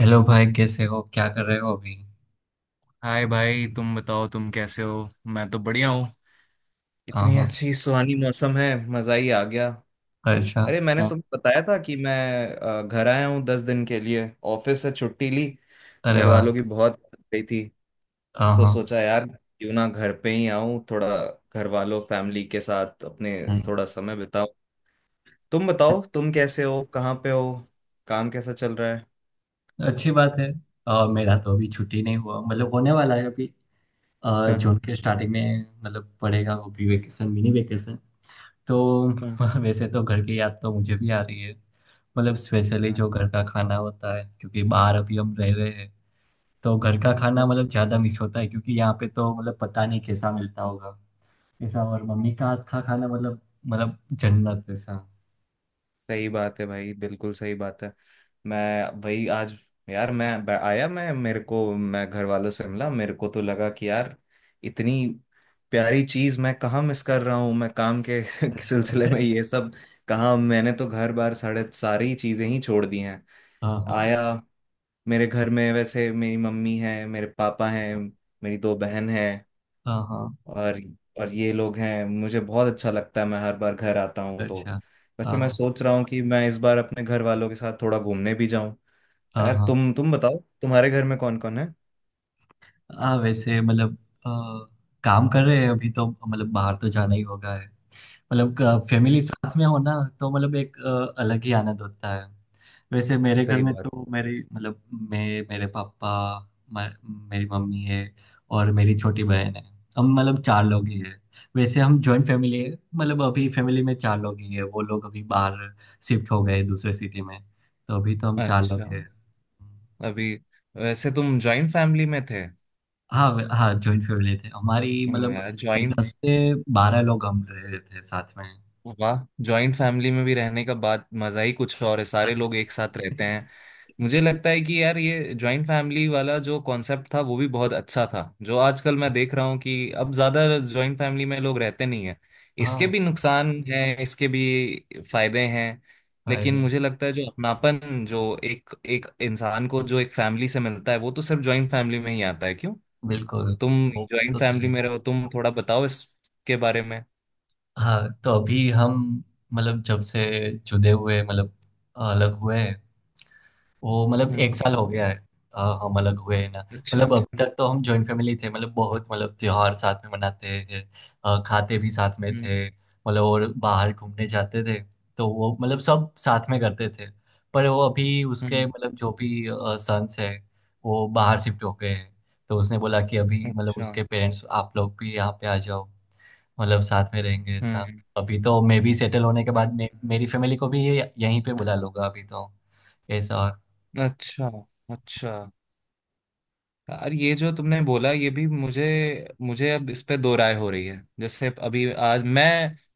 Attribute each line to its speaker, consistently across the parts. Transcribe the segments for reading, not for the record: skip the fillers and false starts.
Speaker 1: Hello भाई, कैसे हो? क्या कर रहे हो अभी?
Speaker 2: हाय भाई, तुम बताओ, तुम कैसे हो। मैं तो बढ़िया हूँ।
Speaker 1: हाँ
Speaker 2: इतनी
Speaker 1: हाँ।
Speaker 2: अच्छी सुहानी मौसम है, मजा ही आ गया।
Speaker 1: अच्छा।
Speaker 2: अरे, मैंने
Speaker 1: हाँ।
Speaker 2: तुम्हें बताया था कि मैं घर आया हूँ दस दिन के लिए। ऑफिस से छुट्टी ली।
Speaker 1: अरे
Speaker 2: घर
Speaker 1: वाह।
Speaker 2: वालों की बहुत याद गई थी,
Speaker 1: हाँ
Speaker 2: तो
Speaker 1: हाँ।
Speaker 2: सोचा यार क्यों ना घर पे ही आऊँ। थोड़ा घर वालों, फैमिली के साथ अपने
Speaker 1: हम्म।
Speaker 2: थोड़ा समय बिताऊं। तुम बताओ, तुम कैसे हो, कहाँ पे हो, काम कैसा चल रहा है।
Speaker 1: अच्छी बात है। मेरा तो अभी छुट्टी नहीं हुआ, मतलब होने वाला है अभी। जून
Speaker 2: हाँ।
Speaker 1: के स्टार्टिंग में मतलब पड़ेगा वो भी वेकेशन, मिनी वेकेशन। तो
Speaker 2: हाँ।
Speaker 1: वैसे तो घर की याद तो मुझे भी आ रही है। मतलब स्पेशली जो घर का खाना होता है, क्योंकि बाहर अभी हम रह रहे हैं। तो घर का खाना
Speaker 2: हाँ।
Speaker 1: मतलब ज़्यादा मिस होता है, क्योंकि यहाँ पे तो मतलब पता नहीं कैसा मिलता होगा ऐसा। और मम्मी का हाथ का खाना मतलब, मतलब जन्नत ऐसा।
Speaker 2: सही बात है भाई, बिल्कुल सही बात है। मैं वही आज, यार मैं आया, मैं मेरे को मैं घर वालों से मिला। मेरे को तो लगा कि यार इतनी प्यारी चीज मैं कहाँ मिस कर रहा हूँ, मैं काम के
Speaker 1: अच्छा।
Speaker 2: सिलसिले में। ये सब कहाँ, मैंने तो घर बार सारे, सारी चीजें ही छोड़ दी हैं।
Speaker 1: हाँ हाँ।
Speaker 2: आया। मेरे घर में वैसे मेरी मम्मी है, मेरे पापा हैं, मेरी दो बहन है।
Speaker 1: हाँ हाँ।
Speaker 2: और और ये लोग हैं। मुझे बहुत अच्छा लगता है, मैं हर बार घर आता हूँ तो।
Speaker 1: अच्छा।
Speaker 2: वैसे
Speaker 1: हाँ
Speaker 2: मैं
Speaker 1: हाँ।
Speaker 2: सोच रहा हूँ कि मैं इस बार अपने घर वालों के साथ थोड़ा घूमने भी जाऊं।
Speaker 1: हाँ
Speaker 2: यार
Speaker 1: हाँ।
Speaker 2: तुम बताओ, तुम्हारे घर में कौन कौन है।
Speaker 1: हाँ, वैसे मतलब अ, काम कर रहे हैं अभी तो। मतलब बाहर तो जाना ही होगा है। मतलब फैमिली साथ में हो ना, तो मतलब एक अलग ही आनंद होता है। वैसे मेरे घर
Speaker 2: सही
Speaker 1: में
Speaker 2: बात।
Speaker 1: तो मेरी मतलब, मैं, मेरे पापा, म- मेरी मम्मी है और मेरी छोटी बहन है। हम मतलब 4 लोग ही है। वैसे हम जॉइंट फैमिली है। मतलब अभी फैमिली में 4 लोग ही है, वो लोग अभी बाहर शिफ्ट हो गए दूसरे सिटी में। तो अभी तो हम 4 लोग
Speaker 2: अच्छा।
Speaker 1: हैं।
Speaker 2: अभी वैसे तुम जॉइंट फैमिली में थे।
Speaker 1: हाँ हाँ जॉइंट फैमिली थे हमारी।
Speaker 2: हम्म।
Speaker 1: मतलब
Speaker 2: यार जॉइंट
Speaker 1: 10 से 12 लोग हम रहे थे साथ में।
Speaker 2: वाह। जॉइंट फैमिली में भी रहने का बात, मजा ही कुछ और है, सारे लोग एक साथ रहते हैं। मुझे लगता है कि यार ये जॉइंट फैमिली वाला जो कॉन्सेप्ट था वो भी बहुत अच्छा था। जो आजकल मैं देख रहा हूँ कि अब ज्यादा जॉइंट फैमिली में लोग रहते नहीं है। इसके
Speaker 1: हाँ।
Speaker 2: भी नुकसान हैं, इसके भी फायदे हैं। लेकिन
Speaker 1: फायदे।
Speaker 2: मुझे लगता है जो अपनापन जो एक एक इंसान को जो एक फैमिली से मिलता है, वो तो सिर्फ जॉइंट फैमिली में ही आता है, क्यों।
Speaker 1: बिल्कुल।
Speaker 2: तुम
Speaker 1: वो बात
Speaker 2: जॉइंट
Speaker 1: तो सही
Speaker 2: फैमिली
Speaker 1: है।
Speaker 2: में रहो, तुम थोड़ा बताओ इसके बारे में।
Speaker 1: हाँ, तो अभी हम, मतलब जब से जुदे हुए, मतलब अलग हुए हैं, वो मतलब
Speaker 2: हम्म।
Speaker 1: 1 साल हो गया है। हम अलग हुए हैं ना।
Speaker 2: अच्छा।
Speaker 1: मतलब अभी तक तो हम जॉइंट फैमिली थे। मतलब बहुत, मतलब त्योहार साथ में मनाते थे। खाते भी साथ में
Speaker 2: हम्म।
Speaker 1: थे मतलब, और बाहर घूमने जाते थे। तो वो मतलब सब साथ में करते थे। पर वो अभी उसके,
Speaker 2: हम्म।
Speaker 1: मतलब जो भी सन्स है, वो बाहर शिफ्ट हो गए हैं। तो उसने बोला कि अभी मतलब
Speaker 2: अच्छा।
Speaker 1: उसके पेरेंट्स आप लोग भी यहाँ पे आ जाओ, मतलब साथ में रहेंगे ऐसा।
Speaker 2: हम्म।
Speaker 1: अभी तो मैं भी सेटल होने के बाद
Speaker 2: हम्म।
Speaker 1: मेरी फैमिली को भी ये यहीं पे बुला लूंगा अभी तो ऐसा।
Speaker 2: अच्छा। अच्छा। यार ये जो तुमने बोला, ये भी मुझे मुझे अब इस पे दो राय हो रही है। जैसे अभी आज मैं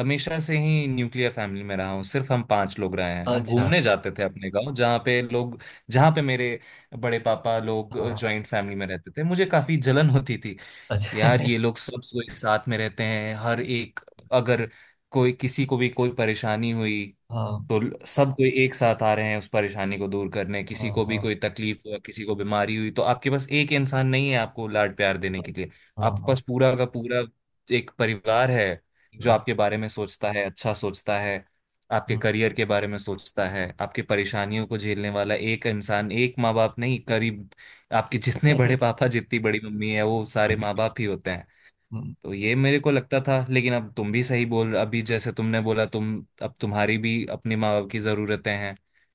Speaker 2: हमेशा से ही न्यूक्लियर फैमिली में रहा हूँ, सिर्फ हम पांच लोग रहे हैं। हम
Speaker 1: अच्छा।
Speaker 2: घूमने जाते थे अपने गांव, जहाँ पे मेरे बड़े पापा लोग
Speaker 1: हाँ।
Speaker 2: जॉइंट फैमिली में रहते थे, मुझे काफी जलन होती थी।
Speaker 1: अच्छा।
Speaker 2: यार ये लोग सब कोई साथ में रहते हैं, हर एक। अगर कोई किसी को भी कोई परेशानी हुई,
Speaker 1: हाँ
Speaker 2: तो सब कोई एक साथ आ रहे हैं उस परेशानी को दूर करने। किसी
Speaker 1: हाँ।
Speaker 2: को भी
Speaker 1: हाँ
Speaker 2: कोई तकलीफ हुआ, किसी को बीमारी हुई, तो आपके पास एक इंसान नहीं है आपको लाड प्यार देने
Speaker 1: हाँ।
Speaker 2: के लिए।
Speaker 1: हाँ
Speaker 2: आपके
Speaker 1: हाँ।
Speaker 2: पास पूरा का पूरा एक परिवार है,
Speaker 1: ये
Speaker 2: जो
Speaker 1: बात
Speaker 2: आपके
Speaker 1: है।
Speaker 2: बारे में सोचता है, अच्छा सोचता है। आपके
Speaker 1: हम्म।
Speaker 2: करियर के बारे में सोचता है। आपकी परेशानियों को झेलने वाला एक इंसान, एक माँ बाप नहीं करीब। आपके जितने बड़े पापा, जितनी बड़ी मम्मी है, वो सारे माँ
Speaker 1: भीड़।
Speaker 2: बाप ही होते हैं।
Speaker 1: हम्म।
Speaker 2: तो ये मेरे को लगता था। लेकिन अब तुम भी सही बोल, अभी जैसे तुमने बोला, तुम, अब तुम्हारी भी अपने माँ बाप की ज़रूरतें हैं।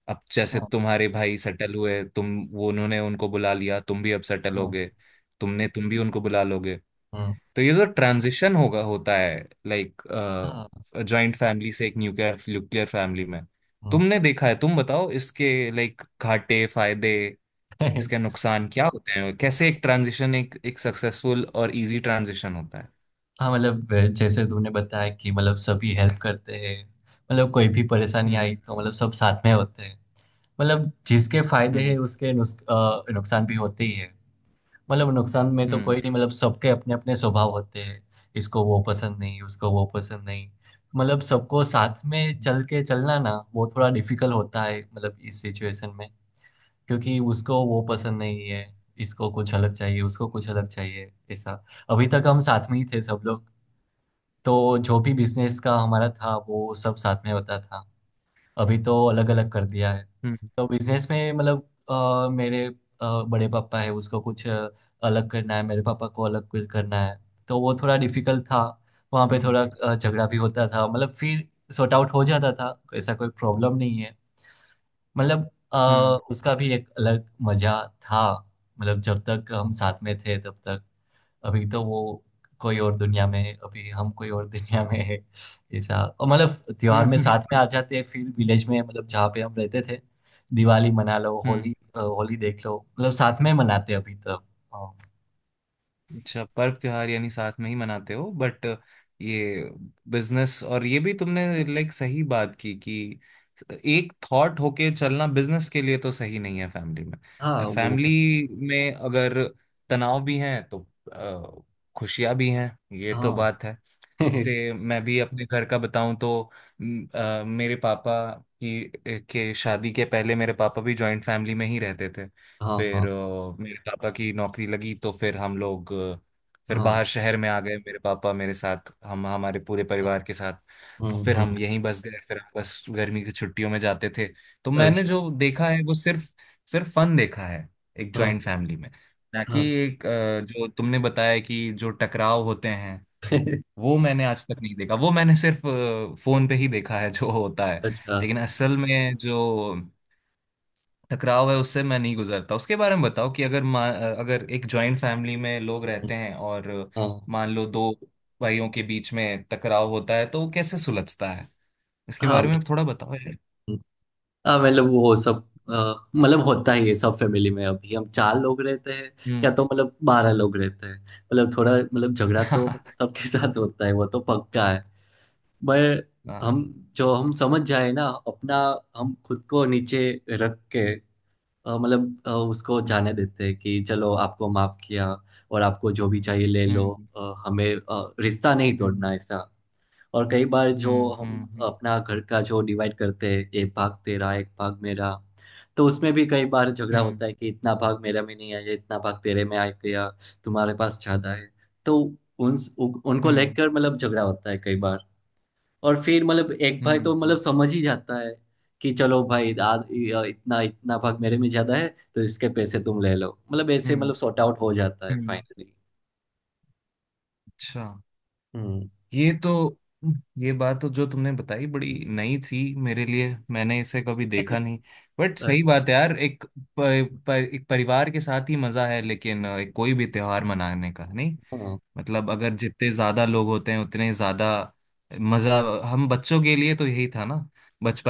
Speaker 2: अब जैसे
Speaker 1: हाँ
Speaker 2: तुम्हारे भाई सेटल हुए, तुम वो उन्होंने उनको बुला लिया, तुम भी अब सेटल हो
Speaker 1: हाँ।
Speaker 2: गए, तुम भी उनको बुला लोगे।
Speaker 1: हाँ
Speaker 2: तो ये जो ट्रांजिशन होगा, होता है, लाइक
Speaker 1: हाँ।
Speaker 2: जॉइंट फैमिली से एक न्यूक्लियर न्यूक्लियर फैमिली में।
Speaker 1: हाँ।
Speaker 2: तुमने देखा है, तुम बताओ इसके लाइक घाटे फायदे, इसके नुकसान क्या होते हैं, कैसे एक ट्रांजिशन, एक एक सक्सेसफुल और इजी ट्रांजिशन होता है।
Speaker 1: हाँ मतलब जैसे तुमने बताया कि मतलब सभी हेल्प करते हैं। मतलब कोई भी परेशानी
Speaker 2: हम्म।
Speaker 1: आई तो मतलब सब साथ में होते हैं। मतलब जिसके फायदे हैं
Speaker 2: हम्म।
Speaker 1: उसके नुकसान भी होते ही है। मतलब नुकसान में तो कोई
Speaker 2: हम्म।
Speaker 1: नहीं, मतलब सबके अपने अपने स्वभाव होते हैं। इसको वो पसंद नहीं, उसको वो पसंद नहीं। मतलब सबको साथ में चल के चलना ना, वो थोड़ा डिफिकल्ट होता है मतलब इस सिचुएशन में। क्योंकि उसको वो पसंद नहीं है, इसको कुछ अलग चाहिए, उसको कुछ अलग चाहिए ऐसा। अभी तक हम साथ में ही थे सब लोग, तो जो भी बिजनेस का हमारा था वो सब साथ में होता था। अभी तो अलग अलग कर दिया है।
Speaker 2: हम्म।
Speaker 1: तो बिजनेस में मतलब मेरे बड़े पापा है, उसको कुछ अलग करना है, मेरे पापा को अलग कुछ करना है। तो वो थोड़ा डिफिकल्ट था। वहाँ पे
Speaker 2: हम्म।
Speaker 1: थोड़ा झगड़ा भी होता था, मतलब फिर सॉर्ट आउट हो जाता था ऐसा। कोई प्रॉब्लम नहीं है। मतलब
Speaker 2: हम्म।
Speaker 1: उसका भी एक अलग मजा था, मतलब जब तक हम साथ में थे तब तक। अभी तो वो कोई और दुनिया में है, अभी हम कोई और दुनिया में है ऐसा। और मतलब त्योहार
Speaker 2: हम्म।
Speaker 1: में साथ में
Speaker 2: हम्म।
Speaker 1: आ जाते हैं फिर विलेज में, मतलब जहाँ पे हम रहते थे। दिवाली मना लो,
Speaker 2: हम्म।
Speaker 1: होली होली देख लो, मतलब साथ में मनाते हैं अभी तक। हाँ
Speaker 2: अच्छा, पर्व त्योहार यानी साथ में ही मनाते हो, बट ये बिजनेस और ये भी तुमने लाइक सही बात की, कि एक थॉट होके चलना बिजनेस के लिए तो सही नहीं है। फैमिली में
Speaker 1: हाँ। वो
Speaker 2: फैमिली में अगर तनाव भी हैं, तो अ, खुशियां भी हैं, ये तो
Speaker 1: हाँ।
Speaker 2: बात है। जैसे मैं भी अपने घर का बताऊं तो मेरे पापा की के शादी के पहले मेरे पापा भी जॉइंट फैमिली में ही रहते थे।
Speaker 1: हाँ हाँ।
Speaker 2: फिर मेरे पापा की नौकरी लगी, तो फिर हम लोग फिर
Speaker 1: हाँ
Speaker 2: बाहर शहर में आ गए। मेरे पापा मेरे साथ, हम हमारे पूरे
Speaker 1: हाँ,
Speaker 2: परिवार के साथ। और फिर हम
Speaker 1: हम्म।
Speaker 2: यहीं बस गए। फिर हम बस गर्मी की छुट्टियों में जाते थे। तो मैंने
Speaker 1: अच्छा।
Speaker 2: जो देखा है, वो सिर्फ सिर्फ फन देखा है एक
Speaker 1: हाँ
Speaker 2: जॉइंट फैमिली में। ना कि
Speaker 1: हाँ।
Speaker 2: एक जो तुमने बताया कि जो टकराव होते हैं, वो मैंने आज तक नहीं देखा। वो मैंने सिर्फ फोन पे ही देखा है जो होता है।
Speaker 1: अच्छा।
Speaker 2: लेकिन असल में जो टकराव है, उससे मैं नहीं गुजरता। उसके बारे में बताओ कि अगर अगर एक जॉइंट फैमिली में लोग रहते हैं, और
Speaker 1: हाँ
Speaker 2: मान लो दो भाइयों के बीच में टकराव होता है, तो वो कैसे सुलझता है। इसके बारे
Speaker 1: हाँ।
Speaker 2: में थोड़ा बताओ यार।
Speaker 1: हाँ मतलब वो सब मतलब होता ही है सब फैमिली में। अभी हम 4 लोग रहते हैं
Speaker 2: हम्म।
Speaker 1: या तो मतलब 12 लोग रहते हैं, मतलब थोड़ा मतलब झगड़ा तो मतलब
Speaker 2: हाँ।
Speaker 1: सबके साथ होता है, वो तो पक्का है। पर हम,
Speaker 2: हाँ।
Speaker 1: जो हम समझ जाए ना अपना, हम खुद को नीचे रख के मतलब उसको जाने देते हैं कि चलो आपको माफ किया और आपको जो भी चाहिए ले लो।
Speaker 2: हम्म।
Speaker 1: हमें रिश्ता नहीं तोड़ना
Speaker 2: हम्म।
Speaker 1: ऐसा। और कई बार जो
Speaker 2: हम्म।
Speaker 1: हम
Speaker 2: हम्म।
Speaker 1: अपना घर का जो डिवाइड करते हैं, एक भाग तेरा एक भाग मेरा, तो उसमें भी कई बार झगड़ा
Speaker 2: हम्म।
Speaker 1: होता है कि इतना भाग मेरा में नहीं आया, इतना भाग तेरे में आ गया, तुम्हारे पास ज्यादा है। तो उनको
Speaker 2: हम्म।
Speaker 1: लेकर मतलब झगड़ा होता है कई बार। और फिर मतलब एक भाई
Speaker 2: हम्म।
Speaker 1: तो मतलब
Speaker 2: हम्म।
Speaker 1: समझ ही जाता है कि चलो भाई, इतना इतना भाग मेरे में ज्यादा है तो इसके पैसे तुम ले लो। मतलब ऐसे मतलब
Speaker 2: हम्म।
Speaker 1: सॉर्ट आउट हो जाता है
Speaker 2: हम्म।
Speaker 1: फाइनली।
Speaker 2: अच्छा।
Speaker 1: हम्म।
Speaker 2: ये तो, ये बात तो जो तुमने बताई बड़ी नई थी मेरे लिए, मैंने इसे कभी देखा नहीं। बट सही
Speaker 1: अच्छा।
Speaker 2: बात है यार, एक प, प, एक परिवार के साथ ही मजा है। लेकिन एक कोई भी त्योहार मनाने का नहीं,
Speaker 1: हाँ
Speaker 2: मतलब अगर जितने ज्यादा लोग होते हैं उतने ज्यादा मजा। हम बच्चों के लिए तो यही था ना।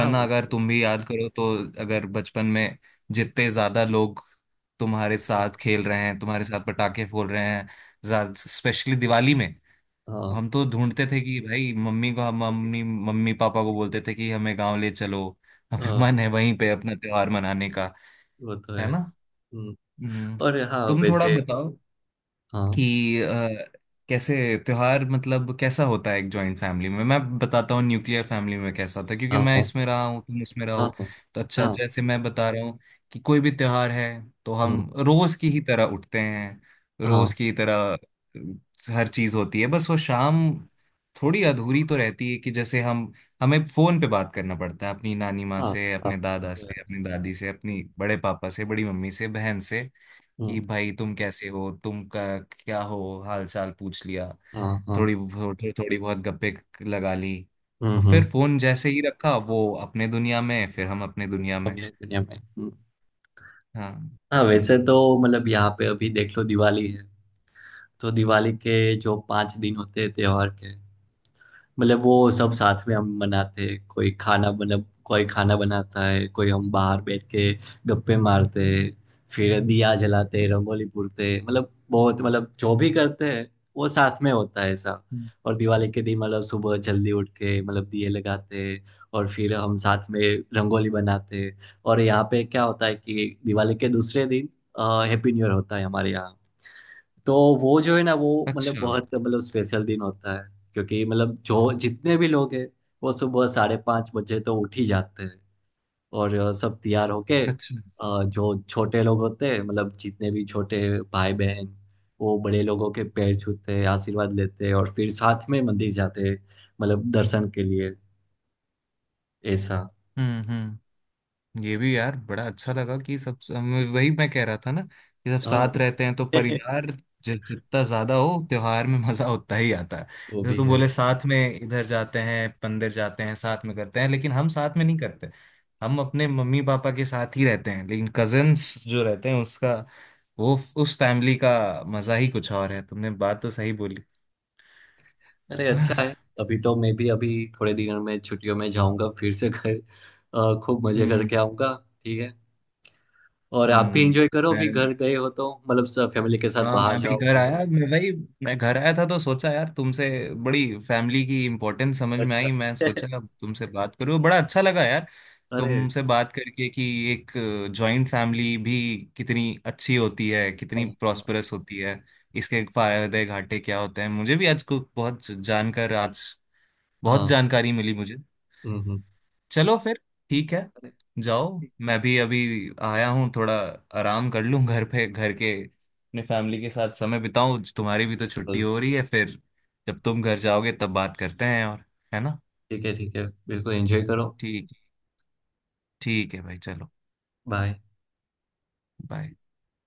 Speaker 1: हाँ। वो
Speaker 2: अगर
Speaker 1: तो है।
Speaker 2: तुम भी याद करो तो, अगर बचपन में जितने ज्यादा लोग तुम्हारे
Speaker 1: हाँ
Speaker 2: साथ खेल रहे हैं, तुम्हारे साथ पटाखे फोड़ रहे हैं, स्पेशली दिवाली में।
Speaker 1: हाँ।
Speaker 2: हम तो ढूंढते थे कि भाई, मम्मी मम्मी पापा को बोलते थे कि हमें गांव ले चलो, हमें मन है
Speaker 1: हाँ
Speaker 2: वहीं पे अपना त्योहार मनाने का।
Speaker 1: वो तो है।
Speaker 2: है ना।
Speaker 1: हम्म।
Speaker 2: हम्म।
Speaker 1: और हाँ
Speaker 2: तुम थोड़ा
Speaker 1: वैसे।
Speaker 2: बताओ
Speaker 1: हाँ
Speaker 2: कि कैसे त्योहार, मतलब कैसा होता है एक जॉइंट फैमिली में। मैं बताता हूँ न्यूक्लियर फैमिली में कैसा होता है, क्योंकि
Speaker 1: हाँ।
Speaker 2: मैं
Speaker 1: हाँ
Speaker 2: इसमें रहा हूँ, तुम इसमें
Speaker 1: हाँ।
Speaker 2: रहो।
Speaker 1: हाँ
Speaker 2: तो अच्छा,
Speaker 1: हाँ।
Speaker 2: जैसे मैं बता रहा हूँ कि कोई भी त्योहार है, तो हम
Speaker 1: हम्म।
Speaker 2: रोज की ही तरह उठते हैं।
Speaker 1: हाँ
Speaker 2: रोज की तरह हर चीज होती है, बस वो
Speaker 1: हाँ।
Speaker 2: शाम थोड़ी अधूरी तो रहती है कि जैसे हम हमें फोन पे बात करना पड़ता है अपनी नानी माँ
Speaker 1: हाँ
Speaker 2: से,
Speaker 1: हाँ,
Speaker 2: अपने
Speaker 1: वो
Speaker 2: दादा
Speaker 1: तो है।
Speaker 2: से, अपनी दादी से, अपनी बड़े पापा से, बड़ी मम्मी से, बहन से कि
Speaker 1: हम्म।
Speaker 2: भाई तुम कैसे हो, तुम का क्या हो, हाल चाल पूछ लिया,
Speaker 1: हाँ हाँ।
Speaker 2: थोड़ी थोड़ी थोड़ी बहुत गप्पे लगा ली। और फिर
Speaker 1: हम्म।
Speaker 2: फोन जैसे ही रखा, वो अपने दुनिया में, फिर हम अपने दुनिया में।
Speaker 1: अपने दुनिया में। हम्म।
Speaker 2: हाँ।
Speaker 1: हाँ वैसे तो मतलब यहाँ पे अभी देख लो दिवाली है, तो दिवाली के जो 5 दिन होते हैं त्योहार के, मतलब वो सब साथ में हम मनाते हैं। कोई खाना मतलब कोई खाना बनाता है, कोई हम बाहर बैठ के गप्पे मारते हैं, फिर दिया जलाते हैं, रंगोली पूरते हैं। मतलब बहुत, मतलब जो भी करते हैं वो साथ में होता है ऐसा।
Speaker 2: हम्म।
Speaker 1: और दिवाली के दिन मतलब सुबह जल्दी उठ के मतलब दिए लगाते हैं और फिर हम साथ में रंगोली बनाते हैं। और यहाँ पे क्या होता है कि दिवाली के दूसरे दिन हैप्पी न्यू ईयर होता है हमारे यहाँ। तो वो जो है ना, वो मतलब
Speaker 2: अच्छा।
Speaker 1: बहुत, मतलब स्पेशल दिन होता है। क्योंकि मतलब जो जितने भी लोग हैं, वो सुबह 5:30 बजे तो उठ ही जाते हैं। और सब तैयार होके
Speaker 2: अच्छा।
Speaker 1: जो छोटे लोग होते हैं, मतलब जितने भी छोटे भाई बहन, वो बड़े लोगों के पैर छूते हैं, आशीर्वाद लेते हैं, और फिर साथ में मंदिर जाते हैं मतलब दर्शन के लिए ऐसा।
Speaker 2: हम्म। हम्म। ये भी यार बड़ा अच्छा लगा कि सब हम, वही मैं कह रहा था ना, कि सब
Speaker 1: हाँ।
Speaker 2: साथ रहते हैं तो परिवार जितना ज्यादा हो, त्योहार में मजा उतना ही आता है।
Speaker 1: वो
Speaker 2: जैसे
Speaker 1: भी
Speaker 2: तुम
Speaker 1: है।
Speaker 2: बोले साथ में इधर जाते हैं, मंदिर जाते हैं, साथ में करते हैं, लेकिन हम साथ में नहीं करते। हम अपने मम्मी पापा के साथ ही रहते हैं। लेकिन कजन्स जो रहते हैं उसका वो उस फैमिली का मजा ही कुछ और है। तुमने बात तो सही बोली।
Speaker 1: अरे
Speaker 2: हाँ।
Speaker 1: अच्छा है। अभी तो मैं भी अभी थोड़े दिनों में छुट्टियों में जाऊंगा फिर से घर। खूब मजे
Speaker 2: हम्म।
Speaker 1: करके आऊंगा। ठीक है। और आप भी
Speaker 2: हम्म।
Speaker 1: एंजॉय करो, अभी घर गए हो तो मतलब सब फैमिली के साथ
Speaker 2: हाँ,
Speaker 1: बाहर
Speaker 2: मैं भी
Speaker 1: जाओ,
Speaker 2: घर आया,
Speaker 1: घूमो।
Speaker 2: मैं घर आया था, तो सोचा यार तुमसे, बड़ी फैमिली की इम्पोर्टेंस समझ में
Speaker 1: अच्छा।
Speaker 2: आई। मैं सोचा अब तुमसे बात करूँ। बड़ा अच्छा लगा यार
Speaker 1: अरे।
Speaker 2: तुमसे बात करके, कि एक जॉइंट फैमिली भी कितनी अच्छी होती है,
Speaker 1: हाँ
Speaker 2: कितनी
Speaker 1: हाँ।
Speaker 2: प्रॉस्परस होती है,
Speaker 1: हाँ,
Speaker 2: इसके फायदे घाटे क्या होते हैं। मुझे भी आज बहुत
Speaker 1: हाँ,
Speaker 2: जानकारी मिली मुझे।
Speaker 1: हम्म।
Speaker 2: चलो फिर। ठीक है।
Speaker 1: अरे,
Speaker 2: जाओ।
Speaker 1: ठीक।
Speaker 2: मैं भी अभी आया हूँ, थोड़ा आराम कर लूँ घर पे, घर के अपने फैमिली के साथ समय बिताऊं। तुम्हारी भी तो छुट्टी
Speaker 1: बस,
Speaker 2: हो रही है फिर, जब तुम घर जाओगे तब बात करते हैं और। है ना।
Speaker 1: ठीक है, ठीक है, बिल्कुल एंजॉय करो।
Speaker 2: ठीक। ठीक है भाई, चलो।
Speaker 1: बाय।
Speaker 2: बाय।